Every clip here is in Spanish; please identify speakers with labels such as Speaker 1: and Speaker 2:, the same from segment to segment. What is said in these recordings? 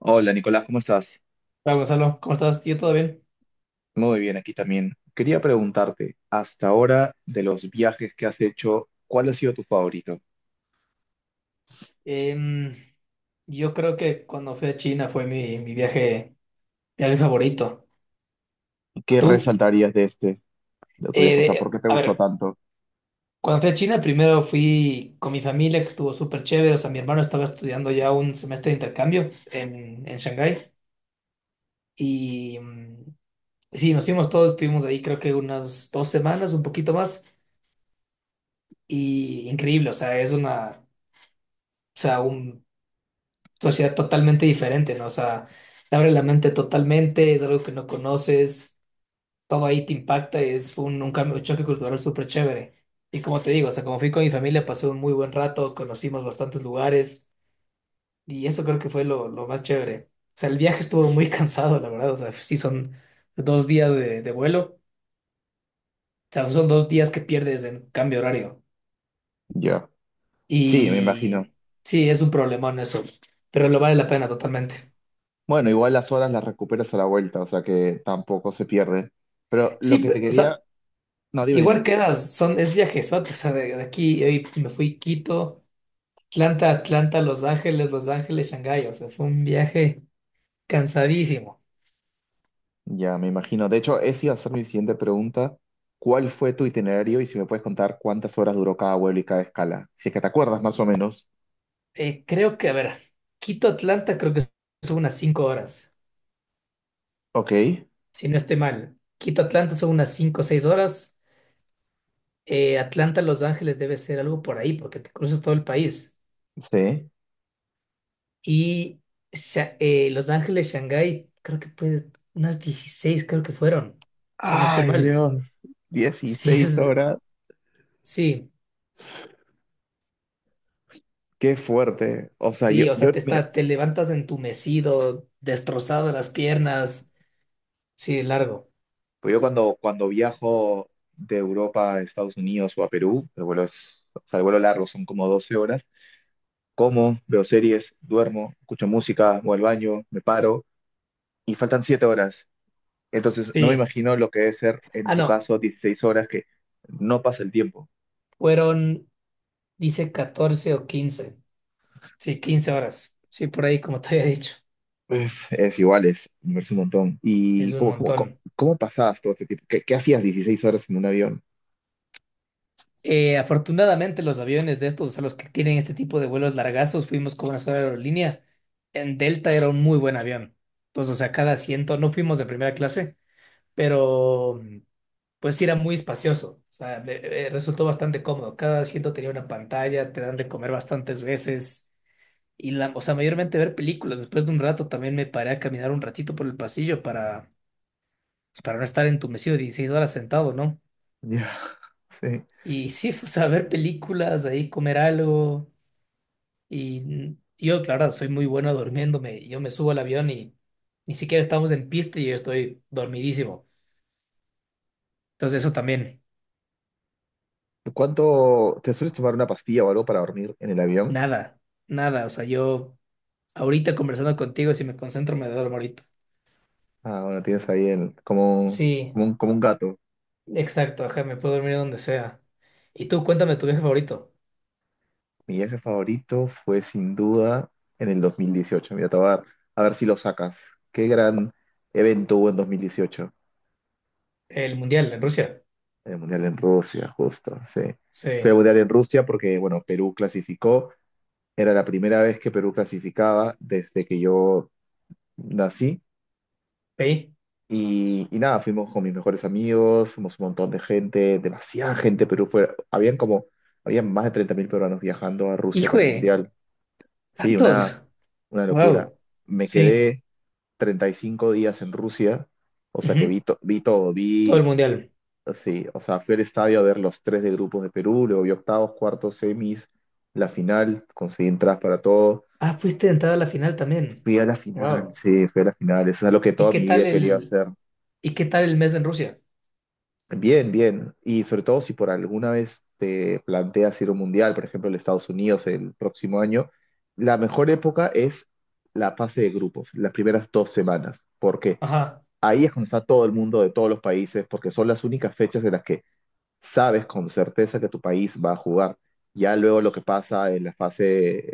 Speaker 1: Hola Nicolás, ¿cómo estás?
Speaker 2: Hola Gonzalo, ¿cómo estás? ¿Yo todo bien?
Speaker 1: Muy bien, aquí también. Quería preguntarte, hasta ahora de los viajes que has hecho, ¿cuál ha sido tu favorito?
Speaker 2: Em, yo creo que cuando fui a China fue mi viaje favorito.
Speaker 1: ¿Qué
Speaker 2: ¿Tú?
Speaker 1: resaltarías de este, de tu viaje? O sea, ¿por qué te
Speaker 2: A
Speaker 1: gustó
Speaker 2: ver,
Speaker 1: tanto?
Speaker 2: cuando fui a China primero fui con mi familia, que estuvo súper chévere. O sea, mi hermano estaba estudiando ya un semestre de intercambio en Shanghái. Y sí, nos fuimos todos, estuvimos ahí creo que unas 2 semanas, un poquito más. Y increíble, o sea, o sea, un sociedad totalmente diferente, ¿no? O sea, te abre la mente totalmente, es algo que no conoces, todo ahí te impacta, es un cambio, un choque cultural súper chévere. Y como te digo, o sea, como fui con mi familia, pasé un muy buen rato, conocimos bastantes lugares y eso creo que fue lo más chévere. O sea, el viaje estuvo muy cansado, la verdad, o sea, sí son dos días de vuelo, o sea, son dos días que pierdes en cambio de horario.
Speaker 1: Ya. Sí, me
Speaker 2: Y
Speaker 1: imagino.
Speaker 2: sí, es un problemón eso, pero lo vale la pena totalmente.
Speaker 1: Bueno, igual las horas las recuperas a la vuelta, o sea que tampoco se pierde. Pero lo que te
Speaker 2: O
Speaker 1: quería...
Speaker 2: sea,
Speaker 1: No, dime,
Speaker 2: igual
Speaker 1: dime.
Speaker 2: quedas, es viajezote, o sea, de aquí hoy me fui Quito, Atlanta, Atlanta, Los Ángeles, Los Ángeles, Shanghái, o sea, fue un viaje cansadísimo.
Speaker 1: Ya, me imagino. De hecho, esa iba a ser mi siguiente pregunta. ¿Cuál fue tu itinerario y si me puedes contar cuántas horas duró cada vuelo y cada escala? Si es que te acuerdas más o menos.
Speaker 2: Creo que, a ver, Quito, Atlanta creo que son unas 5 horas,
Speaker 1: Ok,
Speaker 2: si no estoy mal. Quito, Atlanta son unas 5 o 6 horas. Atlanta, Los Ángeles debe ser algo por ahí, porque te cruzas todo el país.
Speaker 1: sí.
Speaker 2: Y Los Ángeles, Shanghái, creo que puede, unas 16 creo que fueron, si no estoy
Speaker 1: Ay,
Speaker 2: mal.
Speaker 1: Dios,
Speaker 2: Sí,
Speaker 1: 16 horas,
Speaker 2: sí.
Speaker 1: qué fuerte. O sea, yo,
Speaker 2: Sí, o sea,
Speaker 1: yo, mira,
Speaker 2: te levantas entumecido, destrozado de las piernas. Sí, largo.
Speaker 1: pues yo cuando viajo de Europa a Estados Unidos o a Perú, el vuelo es, o sea, el vuelo largo son como 12 horas, como, veo series, duermo, escucho música, voy al baño, me paro y faltan 7 horas. Entonces, no me
Speaker 2: Sí.
Speaker 1: imagino lo que debe ser en
Speaker 2: Ah,
Speaker 1: tu
Speaker 2: no.
Speaker 1: caso 16 horas que no pasa el tiempo.
Speaker 2: Fueron, dice 14 o 15, sí, 15 horas. Sí, por ahí, como te había dicho.
Speaker 1: Es igual, es, me parece un montón.
Speaker 2: Es
Speaker 1: ¿Y
Speaker 2: un
Speaker 1: cómo, cómo, cómo,
Speaker 2: montón.
Speaker 1: cómo pasabas todo este tiempo? ¿Qué, qué hacías 16 horas en un avión?
Speaker 2: Afortunadamente, los aviones de estos, o sea, los que tienen este tipo de vuelos largazos, fuimos con una sola aerolínea. En Delta era un muy buen avión. Entonces, o sea, cada asiento, no fuimos de primera clase, pero pues sí era muy espacioso, o sea, resultó bastante cómodo. Cada asiento tenía una pantalla, te dan de comer bastantes veces y la, o sea, mayormente ver películas. Después de un rato también me paré a caminar un ratito por el pasillo para, pues, para no estar entumecido 16 horas sentado, ¿no?
Speaker 1: Ya, sí.
Speaker 2: Y sí, o sea, ver películas, ahí comer algo y yo, claro, soy muy bueno durmiéndome. Yo me subo al avión y ni siquiera estamos en pista y yo estoy dormidísimo. Entonces eso también,
Speaker 1: ¿Cuánto te sueles tomar una pastilla o algo para dormir en el avión?
Speaker 2: nada, nada, o sea, yo ahorita conversando contigo, si me concentro, me duermo ahorita.
Speaker 1: Ah, bueno, tienes ahí el, como, un-
Speaker 2: Sí,
Speaker 1: como un, como un gato.
Speaker 2: exacto, ajá, me puedo dormir donde sea. Y tú, cuéntame tu viaje favorito.
Speaker 1: Mi viaje favorito fue sin duda en el 2018. Mira, te voy a dar- a ver si lo sacas. Qué gran evento hubo en 2018.
Speaker 2: El mundial en Rusia.
Speaker 1: El Mundial en Rusia, justo, sí.
Speaker 2: Sí,
Speaker 1: Fue el Mundial en Rusia porque, bueno, Perú clasificó. Era la primera vez que Perú clasificaba desde que yo nací.
Speaker 2: ¿veí?
Speaker 1: Y nada, fuimos con mis mejores amigos, fuimos un montón de gente, demasiada gente, Perú fue, habían como, habían más de 30 000 peruanos viajando a Rusia
Speaker 2: Hijo
Speaker 1: para el
Speaker 2: de
Speaker 1: Mundial. Sí,
Speaker 2: tantos.
Speaker 1: una locura.
Speaker 2: Wow.
Speaker 1: Me
Speaker 2: Sí.
Speaker 1: quedé 35 días en Rusia, o sea que
Speaker 2: Ujú,
Speaker 1: vi, to- vi todo,
Speaker 2: todo el
Speaker 1: vi,
Speaker 2: mundial.
Speaker 1: sí, o sea, fui al estadio a ver los tres de grupos de Perú, luego vi octavos, cuartos, semis, la final, conseguí entradas para todo.
Speaker 2: Ah, fuiste de entrada a la final también.
Speaker 1: Fui a la final,
Speaker 2: Wow.
Speaker 1: sí, fui a la final, eso es lo que
Speaker 2: ¿Y
Speaker 1: toda
Speaker 2: qué
Speaker 1: mi vida
Speaker 2: tal
Speaker 1: quería
Speaker 2: el
Speaker 1: hacer.
Speaker 2: y qué tal el mes en Rusia?
Speaker 1: Bien, bien. Y sobre todo si por alguna vez te planteas ir a un mundial, por ejemplo, en Estados Unidos el próximo año, la mejor época es la fase de grupos, las primeras dos semanas, porque
Speaker 2: Ajá.
Speaker 1: ahí es cuando está todo el mundo de todos los países, porque son las únicas fechas en las que sabes con certeza que tu país va a jugar. Ya luego lo que pasa en la fase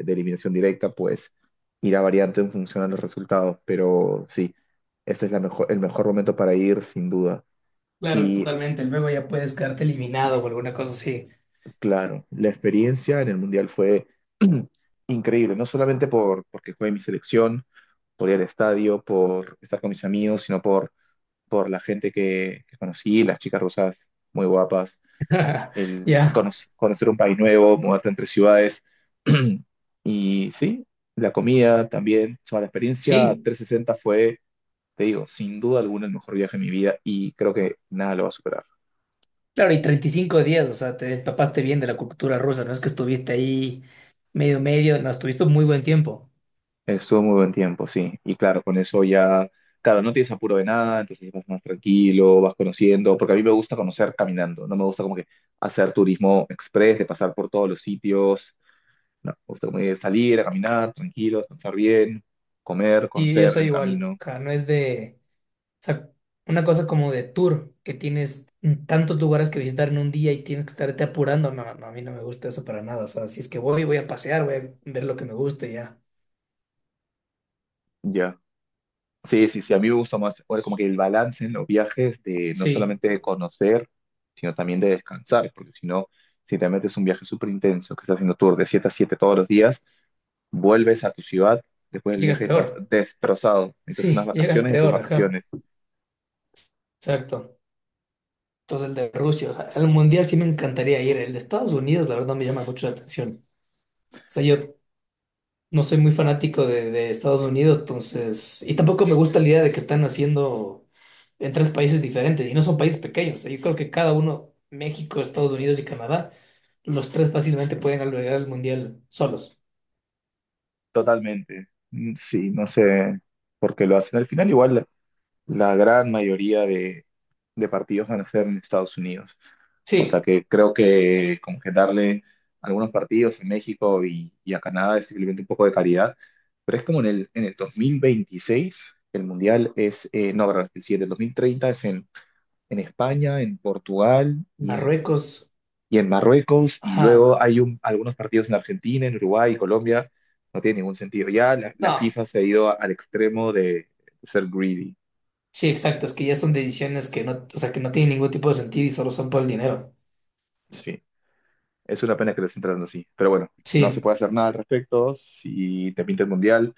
Speaker 1: de eliminación directa, pues irá variando en función a los resultados, pero sí, ese es la mejor, el mejor momento para ir, sin duda.
Speaker 2: Claro,
Speaker 1: Y
Speaker 2: totalmente. Luego ya puedes quedarte eliminado o alguna cosa así.
Speaker 1: claro, la experiencia en el Mundial fue increíble, no solamente por, porque jugué en mi selección, por ir al estadio, por estar con mis amigos, sino por la gente que conocí, las chicas rusas muy guapas, el
Speaker 2: Ya.
Speaker 1: cono- conocer un país nuevo, mudarte entre ciudades. Y sí, la comida también. O sea, la experiencia
Speaker 2: Sí.
Speaker 1: 360 fue, te digo, sin duda alguna el mejor viaje de mi vida y creo que nada lo va a superar.
Speaker 2: Claro, y 35 días, o sea, te empapaste bien de la cultura rusa, no es que estuviste ahí medio medio, no, estuviste muy buen tiempo.
Speaker 1: Estuvo muy buen tiempo, sí. Y claro, con eso ya, claro, no tienes apuro de nada, entonces vas más tranquilo, vas conociendo, porque a mí me gusta conocer caminando, no me gusta como que hacer turismo express, de pasar por todos los sitios, no, me gusta como que salir a caminar tranquilo, descansar bien, comer,
Speaker 2: Y yo
Speaker 1: conocer en
Speaker 2: soy
Speaker 1: el
Speaker 2: igual,
Speaker 1: camino,
Speaker 2: o sea, no es de, o sea, una cosa como de tour, que tienes tantos lugares que visitar en un día y tienes que estarte apurando, no, no, a mí no me gusta eso para nada, o sea, si es que voy, voy a pasear, voy a ver lo que me guste, y ya.
Speaker 1: ya. Sí, a mí me gusta más, bueno, como que el balance en los viajes de no
Speaker 2: Sí,
Speaker 1: solamente de conocer, sino también de descansar, porque si no, si te metes un viaje súper intenso, que estás haciendo tour de 7 a 7 todos los días, vuelves a tu ciudad, después del
Speaker 2: llegas
Speaker 1: viaje estás
Speaker 2: peor,
Speaker 1: destrozado. Necesitas unas
Speaker 2: sí, llegas
Speaker 1: vacaciones de tus
Speaker 2: peor, ajá,
Speaker 1: vacaciones.
Speaker 2: exacto. Entonces el de Rusia, o sea, el mundial sí me encantaría ir, el de Estados Unidos, la verdad, me llama mucho la atención. O sea, yo no soy muy fanático de Estados Unidos, entonces, y tampoco me gusta la idea de que están haciendo en tres países diferentes, y no son países pequeños. Yo creo que cada uno, México, Estados Unidos y Canadá, los tres fácilmente pueden albergar el mundial solos.
Speaker 1: Totalmente. Sí, no sé por qué lo hacen. Al final, igual, la gran mayoría de partidos van a ser en Estados Unidos. O sea
Speaker 2: Sí,
Speaker 1: que creo que como que darle algunos partidos en México y a Canadá es simplemente un poco de caridad. Pero es como en el 2026 el Mundial es, no, perdón, el siguiente, el 2030 es en España, en Portugal
Speaker 2: Marruecos,
Speaker 1: y en Marruecos, y
Speaker 2: ajá,
Speaker 1: luego hay un- algunos partidos en Argentina, en Uruguay y Colombia, no tiene ningún sentido. Ya la
Speaker 2: no,
Speaker 1: FIFA se ha ido a- al extremo de ser greedy.
Speaker 2: sí, exacto, es que ya son decisiones que no, o sea, que no tienen ningún tipo de sentido y solo son por el dinero.
Speaker 1: Sí, es una pena que lo estén tratando así, pero bueno, no se
Speaker 2: Sí,
Speaker 1: puede hacer nada al respecto. Si te pinta el mundial,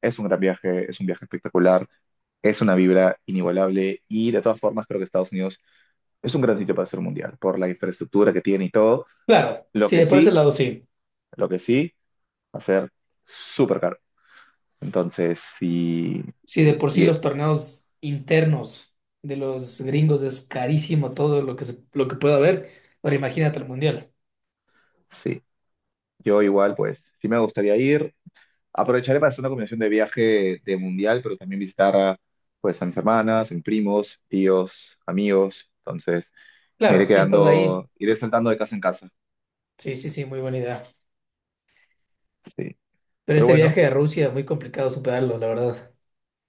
Speaker 1: es un gran viaje, es un viaje espectacular, es una vibra inigualable y de todas formas creo que Estados Unidos es un gran sitio para hacer un mundial, por la infraestructura que tiene y todo.
Speaker 2: claro,
Speaker 1: Lo que
Speaker 2: sí, por ese
Speaker 1: sí,
Speaker 2: lado sí.
Speaker 1: lo que sí, va a ser súper caro. Entonces, sí,
Speaker 2: Si de por sí
Speaker 1: tie-
Speaker 2: los torneos internos de los gringos es carísimo todo lo que lo que pueda haber, ahora imagínate el mundial.
Speaker 1: sí, yo igual, pues, sí me gustaría ir. Aprovecharé para hacer una combinación de viaje de mundial, pero también visitar a, pues, a mis hermanas, a mis primos, tíos, amigos. Entonces, me iré
Speaker 2: Claro, si estás ahí,
Speaker 1: quedando, iré saltando de casa en casa.
Speaker 2: sí, sí, sí, muy buena idea.
Speaker 1: Sí.
Speaker 2: Pero
Speaker 1: Pero
Speaker 2: ese
Speaker 1: bueno,
Speaker 2: viaje a Rusia, muy complicado superarlo, la verdad.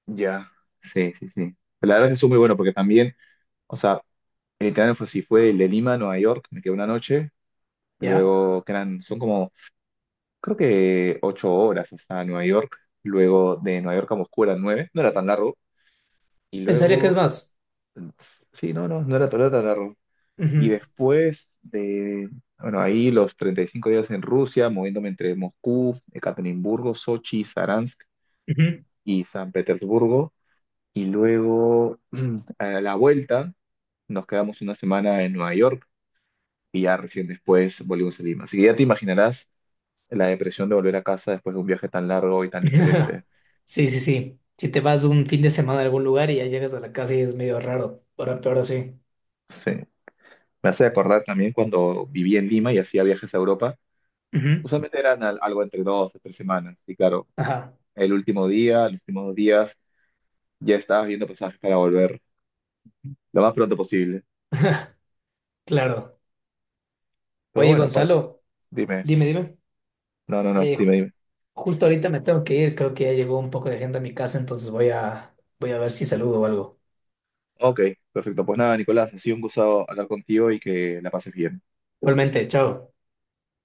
Speaker 1: ya. Sí. La verdad es que estuvo muy bueno porque también, o sea, el itinerario fue así, fue el de Lima a Nueva York, me quedé una noche,
Speaker 2: ¿Ya?
Speaker 1: luego que eran, son como creo que ocho horas hasta Nueva York, luego de Nueva York a Moscú eran nueve, no era tan largo, y
Speaker 2: Pensaría que es
Speaker 1: luego,
Speaker 2: más.
Speaker 1: sí, no era, no era tan largo. Y
Speaker 2: Ujú,
Speaker 1: después de, bueno, ahí los 35 días en Rusia, moviéndome entre Moscú, Ekaterimburgo, Sochi, Saransk
Speaker 2: ujú.
Speaker 1: y San Petersburgo, y luego a la vuelta nos quedamos una semana en Nueva York y ya recién después volvimos a Lima. Así que ya te imaginarás la depresión de volver a casa después de un viaje tan largo y tan diferente.
Speaker 2: Sí, sí, sí. Si te vas un fin de semana a algún lugar y ya llegas a la casa y es medio raro. Ahora peor así.
Speaker 1: Sí, me hace acordar también cuando vivía en Lima y hacía viajes a Europa.
Speaker 2: Ujú.
Speaker 1: Usualmente eran al- algo entre dos a tres semanas. Y claro,
Speaker 2: Ajá.
Speaker 1: el último día, los últimos dos días, ya estabas viendo pasajes para volver lo más pronto posible.
Speaker 2: Claro.
Speaker 1: Pero
Speaker 2: Oye,
Speaker 1: bueno, par-
Speaker 2: Gonzalo,
Speaker 1: dime.
Speaker 2: dime, dime.
Speaker 1: No,
Speaker 2: Eh,
Speaker 1: dime, dime.
Speaker 2: Justo ahorita me tengo que ir, creo que ya llegó un poco de gente a mi casa, entonces voy a ver si saludo o algo.
Speaker 1: Ok, perfecto. Pues nada, Nicolás, ha sido un gusto hablar contigo y que la pases bien.
Speaker 2: Igualmente, chao.